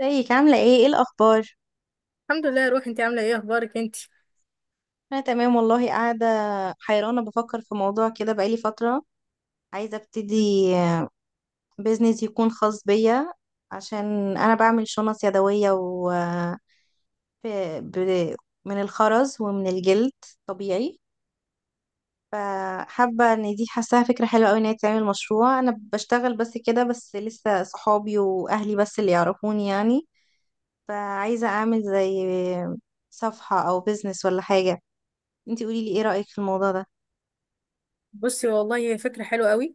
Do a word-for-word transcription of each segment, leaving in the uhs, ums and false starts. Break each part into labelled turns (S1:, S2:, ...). S1: ازيك عاملة ايه، ايه الأخبار؟
S2: الحمد لله يا روحي. انت عامله ايه؟ اخبارك انت؟
S1: أنا تمام والله، قاعدة حيرانة بفكر في موضوع كده بقالي فترة. عايزة ابتدي بيزنس يكون خاص بيا، عشان أنا بعمل شنط يدوية و ب... ب... من الخرز ومن الجلد طبيعي. فحابة ان دي، حاساها فكرة حلوة اوي ان هي تعمل مشروع. أنا بشتغل بس كده، بس لسه صحابي وأهلي بس اللي يعرفوني يعني. فعايزة أعمل زي صفحة أو بيزنس ولا حاجة. انتي قوليلي، ايه رأيك في الموضوع ده؟
S2: بصي والله هي فكره حلوه قوي،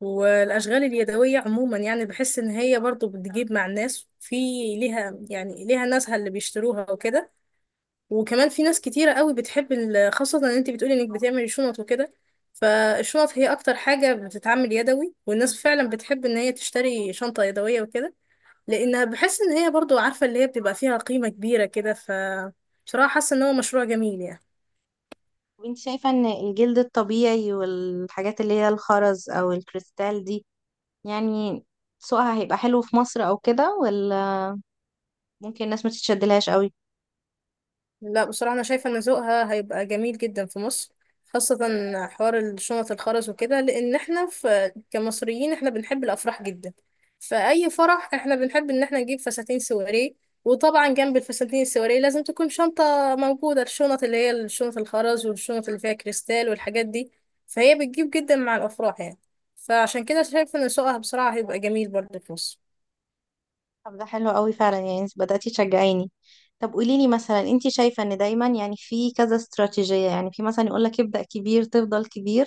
S2: والاشغال اليدويه عموما يعني بحس ان هي برضو بتجيب مع الناس في ليها يعني ليها ناسها اللي بيشتروها وكده. وكمان في ناس كتيره قوي بتحب ال- خاصه ان انت بتقولي انك بتعملي شنط وكده. فالشنط هي اكتر حاجه بتتعمل يدوي، والناس فعلا بتحب ان هي تشتري شنطه يدويه وكده، لانها بحس ان هي برضو عارفه اللي هي بتبقى فيها قيمه كبيره كده. ف بصراحه حاسه ان هو مشروع جميل يعني
S1: طب انت شايفة ان الجلد الطبيعي والحاجات اللي هي الخرز او الكريستال دي، يعني سوقها هيبقى حلو في مصر او كده، ولا ممكن الناس ما تتشدلهاش قوي؟
S2: لا بصراحة أنا شايفة إن ذوقها هيبقى جميل جدا في مصر، خاصة حوار الشنط الخرز وكده، لأن احنا في كمصريين احنا بنحب الأفراح جدا. فأي فرح احنا بنحب إن احنا نجيب فساتين سواري، وطبعا جنب الفساتين السواري لازم تكون شنطة موجودة، الشنط اللي هي الشنط الخرز والشنط اللي فيها كريستال والحاجات دي. فهي بتجيب جدا مع الأفراح يعني، فعشان كده شايفة إن سوقها بصراحة هيبقى جميل برضه في مصر.
S1: طب ده حلو قوي فعلا، يعني انت بدأتي تشجعيني. طب قوليلي مثلا، انت شايفة ان دايما يعني في كذا استراتيجية، يعني في مثلا يقولك ابدأ كبير تفضل كبير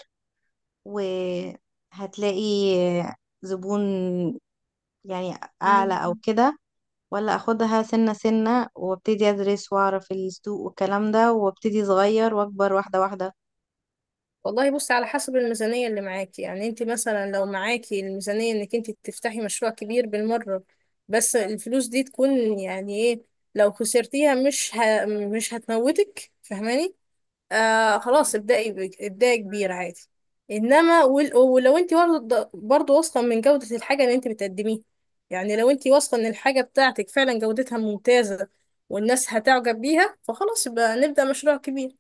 S1: وهتلاقي زبون يعني اعلى او
S2: مم.
S1: كده، ولا اخدها سنة سنة وابتدي ادرس واعرف السوق والكلام ده وابتدي صغير واكبر واحدة واحدة؟
S2: والله بصي، على حسب الميزانية اللي معاكي. يعني انت مثلا لو معاكي الميزانية انك انت تفتحي مشروع كبير بالمرة، بس الفلوس دي تكون يعني ايه، لو خسرتيها مش ه... مش هتموتك، فاهماني؟ آه خلاص ابدأي ب... ابدأي كبير عادي. انما ول... ولو انت برضه برضه واثقة من جودة الحاجة اللي انت بتقدميها. يعني لو انت واثقة ان الحاجة بتاعتك فعلا جودتها ممتازة، والناس هتعجب بيها، فخلاص يبقى نبدأ مشروع كبير.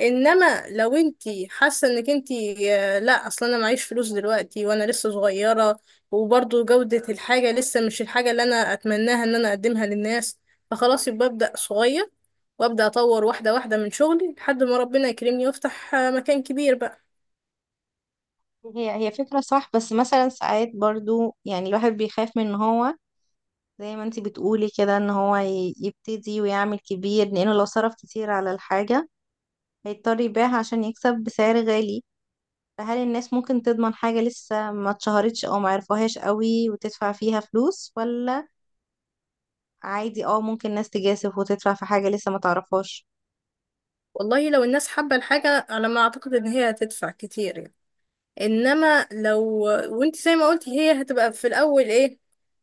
S2: انما لو انتي حاسه انك انتي آه، لا اصلا انا معيش فلوس دلوقتي وانا لسه صغيره، وبرضو جوده الحاجه لسه مش الحاجه اللي انا اتمناها ان انا اقدمها للناس، فخلاص يبقى ابدا صغير وابدا اطور واحده واحده من شغلي لحد ما ربنا يكرمني وافتح آه، مكان كبير بقى.
S1: هي هي فكرة صح، بس مثلا ساعات برضو يعني الواحد بيخاف من ان هو زي ما انتي بتقولي كده، ان هو ي- يبتدي ويعمل كبير، لانه لو صرف كتير على الحاجة هيضطر يبيعها عشان يكسب بسعر غالي. فهل الناس ممكن تضمن حاجة لسه ما اتشهرتش او ما عرفوهاش قوي وتدفع فيها فلوس، ولا عادي اه ممكن ناس تجاسف وتدفع في حاجة لسه ما تعرفهاش؟
S2: والله لو الناس حابه الحاجه، على ما اعتقد ان هي هتدفع كتير يعني. انما لو، وانت زي ما قلتي، هي هتبقى في الاول ايه،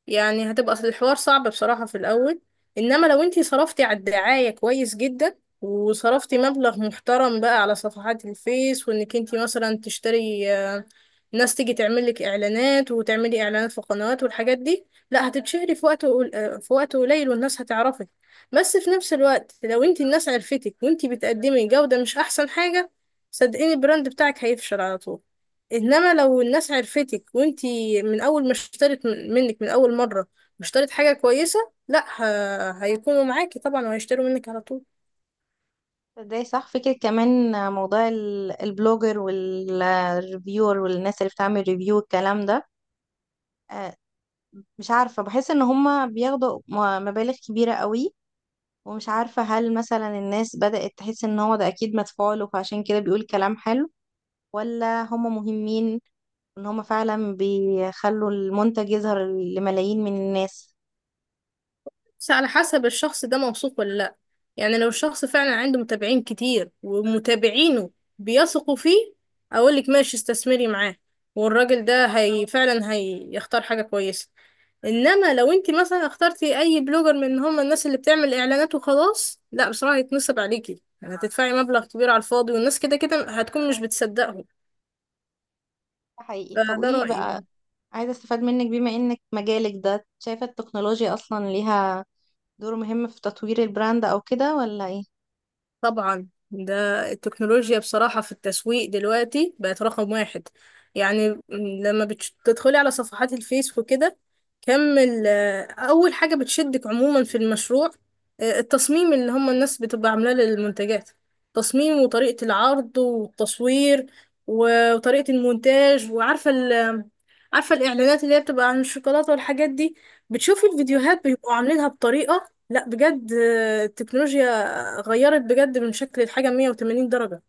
S2: يعني هتبقى الحوار صعب بصراحة في الاول. انما لو انت صرفتي على الدعاية كويس جدا، وصرفتي مبلغ محترم بقى على صفحات الفيس، وانك انت مثلا تشتري آه، ناس تيجي تعمل لك اعلانات وتعملي اعلانات في قنوات والحاجات دي، لا هتتشهري في وقت قل- آه، في وقت قليل والناس هتعرفك. بس في نفس الوقت لو انت الناس عرفتك وانت بتقدمي جودة مش احسن حاجة، صدقيني البراند بتاعك هيفشل على طول. انما لو الناس عرفتك وانتي من اول ما اشترت من- منك من اول مره واشترت حاجه كويسه، لا ه... هيكونوا معاكي طبعا وهيشتروا منك على طول.
S1: ازاي؟ صح، فكرة كمان. موضوع ال- البلوجر والريفيور والناس اللي بتعمل ريفيو الكلام ده، آه، مش عارفة، بحس ان هما بياخدوا م- مبالغ كبيرة قوي. ومش عارفة هل مثلا الناس بدأت تحس ان هو ده اكيد مدفوع له فعشان كده بيقول كلام حلو، ولا هما مهمين ان هما فعلا بيخلوا المنتج يظهر لملايين من الناس؟
S2: بس على حسب الشخص ده موثوق ولا لا. يعني لو الشخص فعلا عنده متابعين كتير ومتابعينه بيثقوا فيه، اقولك ماشي استثمري معاه، والراجل ده هي فعلا هيختار حاجه كويسه. انما لو انت مثلا اخترتي اي بلوجر من هم الناس اللي بتعمل اعلانات وخلاص، لا بصراحه هيتنصب عليكي، هتدفعي مبلغ كبير على الفاضي، والناس كده كده هتكون مش بتصدقهم.
S1: ده حقيقي. طب
S2: فده
S1: قولي
S2: رايي يعني.
S1: بقى، عايزة استفاد منك بما انك مجالك ده، شايفة التكنولوجيا اصلا ليها دوره مهم في تطوير البراند او كده ولا ايه؟
S2: طبعا ده، التكنولوجيا بصراحة في التسويق دلوقتي بقت رقم واحد. يعني م- لما بتدخلي على صفحات الفيس وكده، كم ال- أول حاجة بتشدك عموما في المشروع آه، التصميم اللي هم الناس بتبقى عاملاه للمنتجات. تصميم وطريقة العرض والتصوير و- وطريقة المونتاج، وعارفة ال عارفة الإعلانات اللي هي بتبقى عن الشوكولاتة والحاجات دي، بتشوفي
S1: مم.
S2: الفيديوهات بيبقوا عاملينها بطريقة لا بجد، آه، التكنولوجيا غيرت بجد من شكل الحاجة مية وتمانين درجة.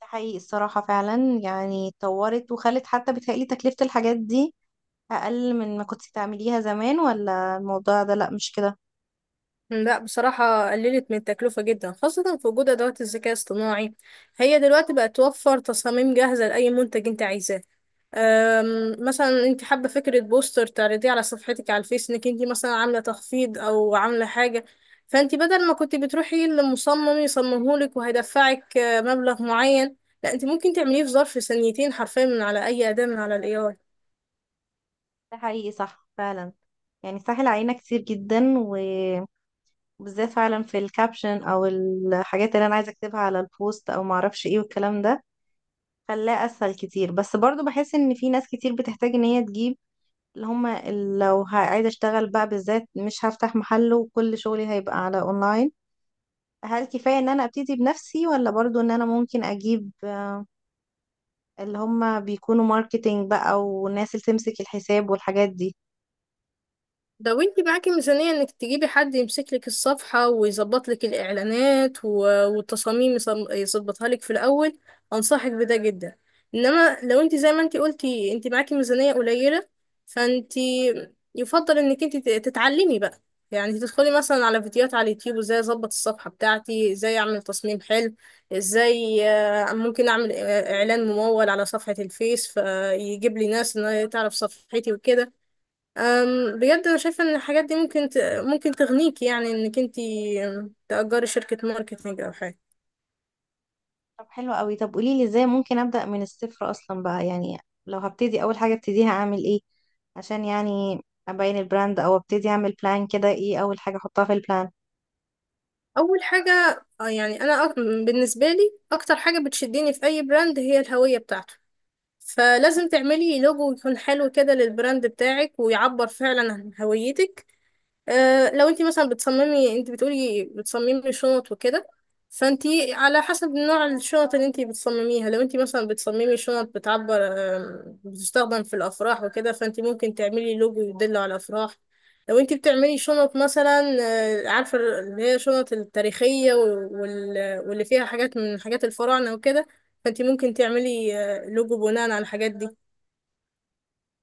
S1: ده حقيقي الصراحة، فعلا يعني اتطورت وخلت حتى بتهيألي تكلفة الحاجات دي اقل من ما كنت تعمليها زمان، ولا الموضوع ده لا مش كده؟
S2: لا بصراحة قللت من التكلفة جدا، خاصة في وجود أدوات الذكاء الاصطناعي. هي دلوقتي بقت توفر تصاميم جاهزة لأي منتج أنت عايزاه. أم، مثلا انت حابة فكرة بوستر تعرضيه على صفحتك على الفيس انك انت مثلا عاملة تخفيض او عاملة حاجة، فانت بدل ما كنت بتروحي لمصمم يصممهولك وهيدفعك آه، مبلغ معين، لا انت ممكن تعمليه في ظرف ثانيتين حرفيا من على اي أداة من على الاي.
S1: ده حقيقي صح فعلا، يعني سهل علينا كتير جدا و- وبالذات فعلا في الكابشن او الحاجات اللي انا عايزة اكتبها على البوست او معرفش ايه والكلام ده، خلاه اسهل كتير. بس برضو بحس ان في ناس كتير بتحتاج ان هي تجيب اللي هما ال- لو ه- عايزة اشتغل بقى بالذات، مش هفتح محل وكل شغلي هيبقى على اونلاين. هل كفاية ان انا ابتدي بنفسي، ولا برضو ان انا ممكن اجيب اللي هما بيكونوا ماركتينج بقى والناس اللي تمسك الحساب والحاجات دي؟
S2: لو انت معاكي ميزانية انك تجيبي حد يمسك لك الصفحة ويظبط لك الاعلانات و- والتصاميم يصم- يظبطها لك في الاول، انصحك بده جدا. انما لو انت زي ما انت قلتي انت معاكي ميزانية قليلة، فانت يفضل انك انت ت- تتعلمي بقى. يعني تدخلي مثلا على فيديوهات على اليوتيوب، ازاي اظبط الصفحة بتاعتي، ازاي اعمل تصميم حلو، ازاي آه، ممكن اعمل آه، اعلان ممول على صفحة الفيس فيجيب لي ناس انها تعرف صفحتي وكده. أم، بجد انا شايفه ان الحاجات دي ممكن ت... ممكن تغنيكي يعني انك انت تأجري شركه ماركتينج او حاجه.
S1: طب حلو قوي. طب قوليلي ازاي ممكن ابدأ من الصفر اصلا بقى يعني؟ لو هبتدي اول حاجة ابتديها اعمل ايه عشان يعني ابين البراند، او ابتدي اعمل بلان كده، ايه اول حاجة احطها في البلان؟
S2: اول حاجه آه، يعني انا أك... بالنسبه لي اكتر حاجه بتشدني في اي براند هي الهويه بتاعته، فلازم تعملي لوجو يكون حلو كده للبراند بتاعك ويعبر فعلا عن هويتك. أه لو انت مثلا بتصممي، انت بتقولي بتصممي شنط وكده، فانت على حسب نوع الشنط اللي انت بتصمميها. لو انت مثلا بتصممي شنط بتعبر، آم، بتستخدم في الافراح وكده، فانت ممكن تعملي لوجو يدل على الافراح. لو انت بتعملي شنط مثلا آه، عارفه اللي هي شنط التاريخيه وال- واللي فيها حاجات من حاجات الفراعنه وكده، فانت ممكن تعملي آه، لوجو بناء على الحاجات دي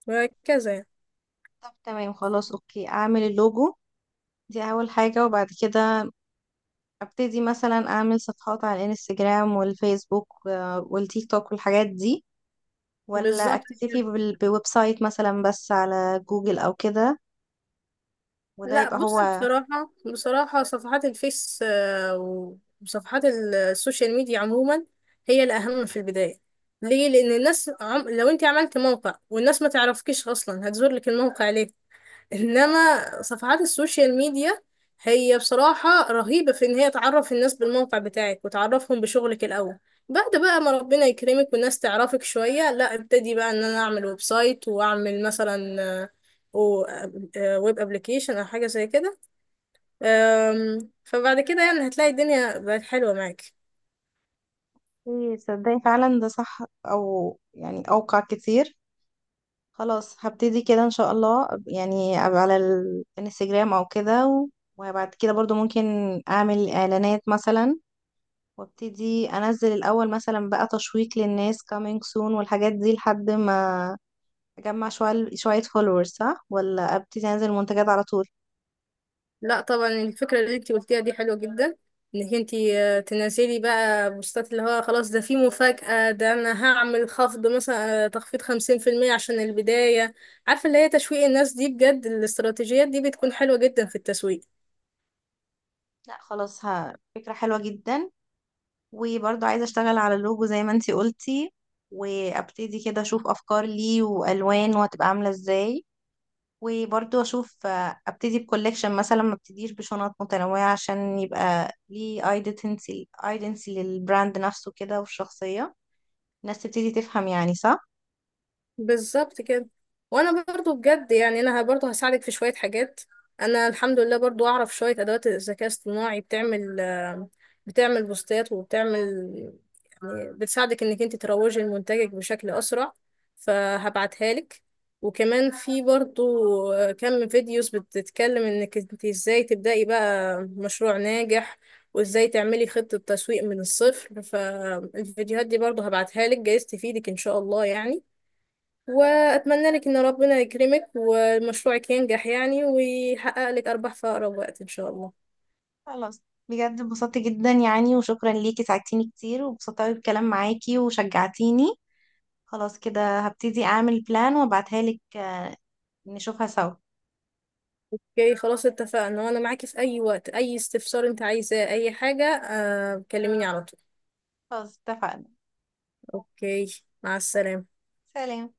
S2: وهكذا يعني.
S1: طب تمام خلاص اوكي، اعمل اللوجو دي اول حاجة، وبعد كده ابتدي مثلا اعمل صفحات على الانستجرام والفيسبوك آه، والتيك توك والحاجات دي، ولا
S2: بالظبط
S1: اكتفي
S2: كده.
S1: بال- بويب سايت مثلا بس على جوجل او كده؟ وده
S2: لا
S1: يبقى
S2: بص
S1: هو.
S2: بصراحة، بصراحة صفحات الفيس آه، وصفحات ال- السوشيال ميديا عموما هي الأهم في البداية. ليه؟ لأن الناس عم... لو أنت عملت موقع والناس ما تعرفكيش أصلا هتزور لك الموقع. انما صفحات السوشيال ميديا هي بصراحة رهيبة في ان هي تعرف الناس بالموقع بتاعك وتعرفهم بشغلك الاول. بعد بقى ما ربنا يكرمك والناس تعرفك شوية، لا ابتدي بقى ان انا اعمل ويب سايت واعمل مثلا آه، و- آه، ويب ابليكيشن او حاجة زي كده. آم، فبعد كده يعني هتلاقي الدنيا بقت حلوة معاك.
S1: إيه، تصدقي فعلا ده صح، او يعني اوقع كتير. خلاص هبتدي كده ان شاء الله، أب- يعني أبقى على الانستجرام او كده و- وبعد كده برضو ممكن اعمل اعلانات مثلا، وابتدي انزل الاول مثلا بقى تشويق للناس coming soon والحاجات دي لحد ما اجمع شوية شوية فولورز، صح؟ ولا ابتدي انزل منتجات على طول؟
S2: لا طبعا الفكرة اللي انتي قلتيها دي حلوة جدا، انك انتي آه، تنزلي بقى بوستات اللي هو خلاص ده في مفاجأة، ده انا هعمل خفض مثلا آه، تخفيض خمسين في المية عشان البداية. عارفة اللي هي تشويق الناس دي بجد، الاستراتيجيات دي بتكون حلوة جدا في التسويق.
S1: لا خلاص، ها فكرة حلوة جدا. وبرضه عايزة اشتغل على اللوجو زي ما انتي قلتي، وابتدي كده اشوف افكار ليه والوان وهتبقى عاملة ازاي. وبرضه اشوف، آه، ابتدي بكولكشن مثلا، ما ابتديش بشنط متنوعة عشان يبقى ليه ايدنتي ايدنتي للبراند نفسه كده والشخصية، الناس تبتدي تفهم يعني، صح؟
S2: بالظبط كده. وانا برضو بجد يعني انا ه- برضو هساعدك في شوية حاجات. انا الحمد لله برضو اعرف شوية ادوات الذكاء الاصطناعي بتعمل آه، بتعمل بوستات، وبتعمل يعني بتساعدك انك انت تروجي لمنتجك بشكل اسرع، فهبعتها لك. وكمان في برضو آه، كم فيديوز بتتكلم انك انت ازاي تبدأي بقى مشروع ناجح، وازاي تعملي خطة تسويق من الصفر. فالفيديوهات دي برضو هبعتها لك جايز تفيدك ان شاء الله يعني. وأتمنى لك إن ربنا يكرمك ومشروعك ينجح يعني، ويحقق لك أرباح في أقرب وقت إن شاء الله.
S1: خلاص، بجد انبسطت جدا يعني، وشكرا ليكي ساعدتيني كتير وانبسطت قوي بالكلام معاكي وشجعتيني. خلاص كده هبتدي اعمل بلان وابعتها لك، آه، نشوفها سوا.
S2: اوكي خلاص اتفقنا. وأنا معاكي في أي وقت، أي استفسار أنت عايزاه، أي حاجة آه كلميني على طول.
S1: خلاص اتفقنا.
S2: اوكي مع السلامة.
S1: سلام.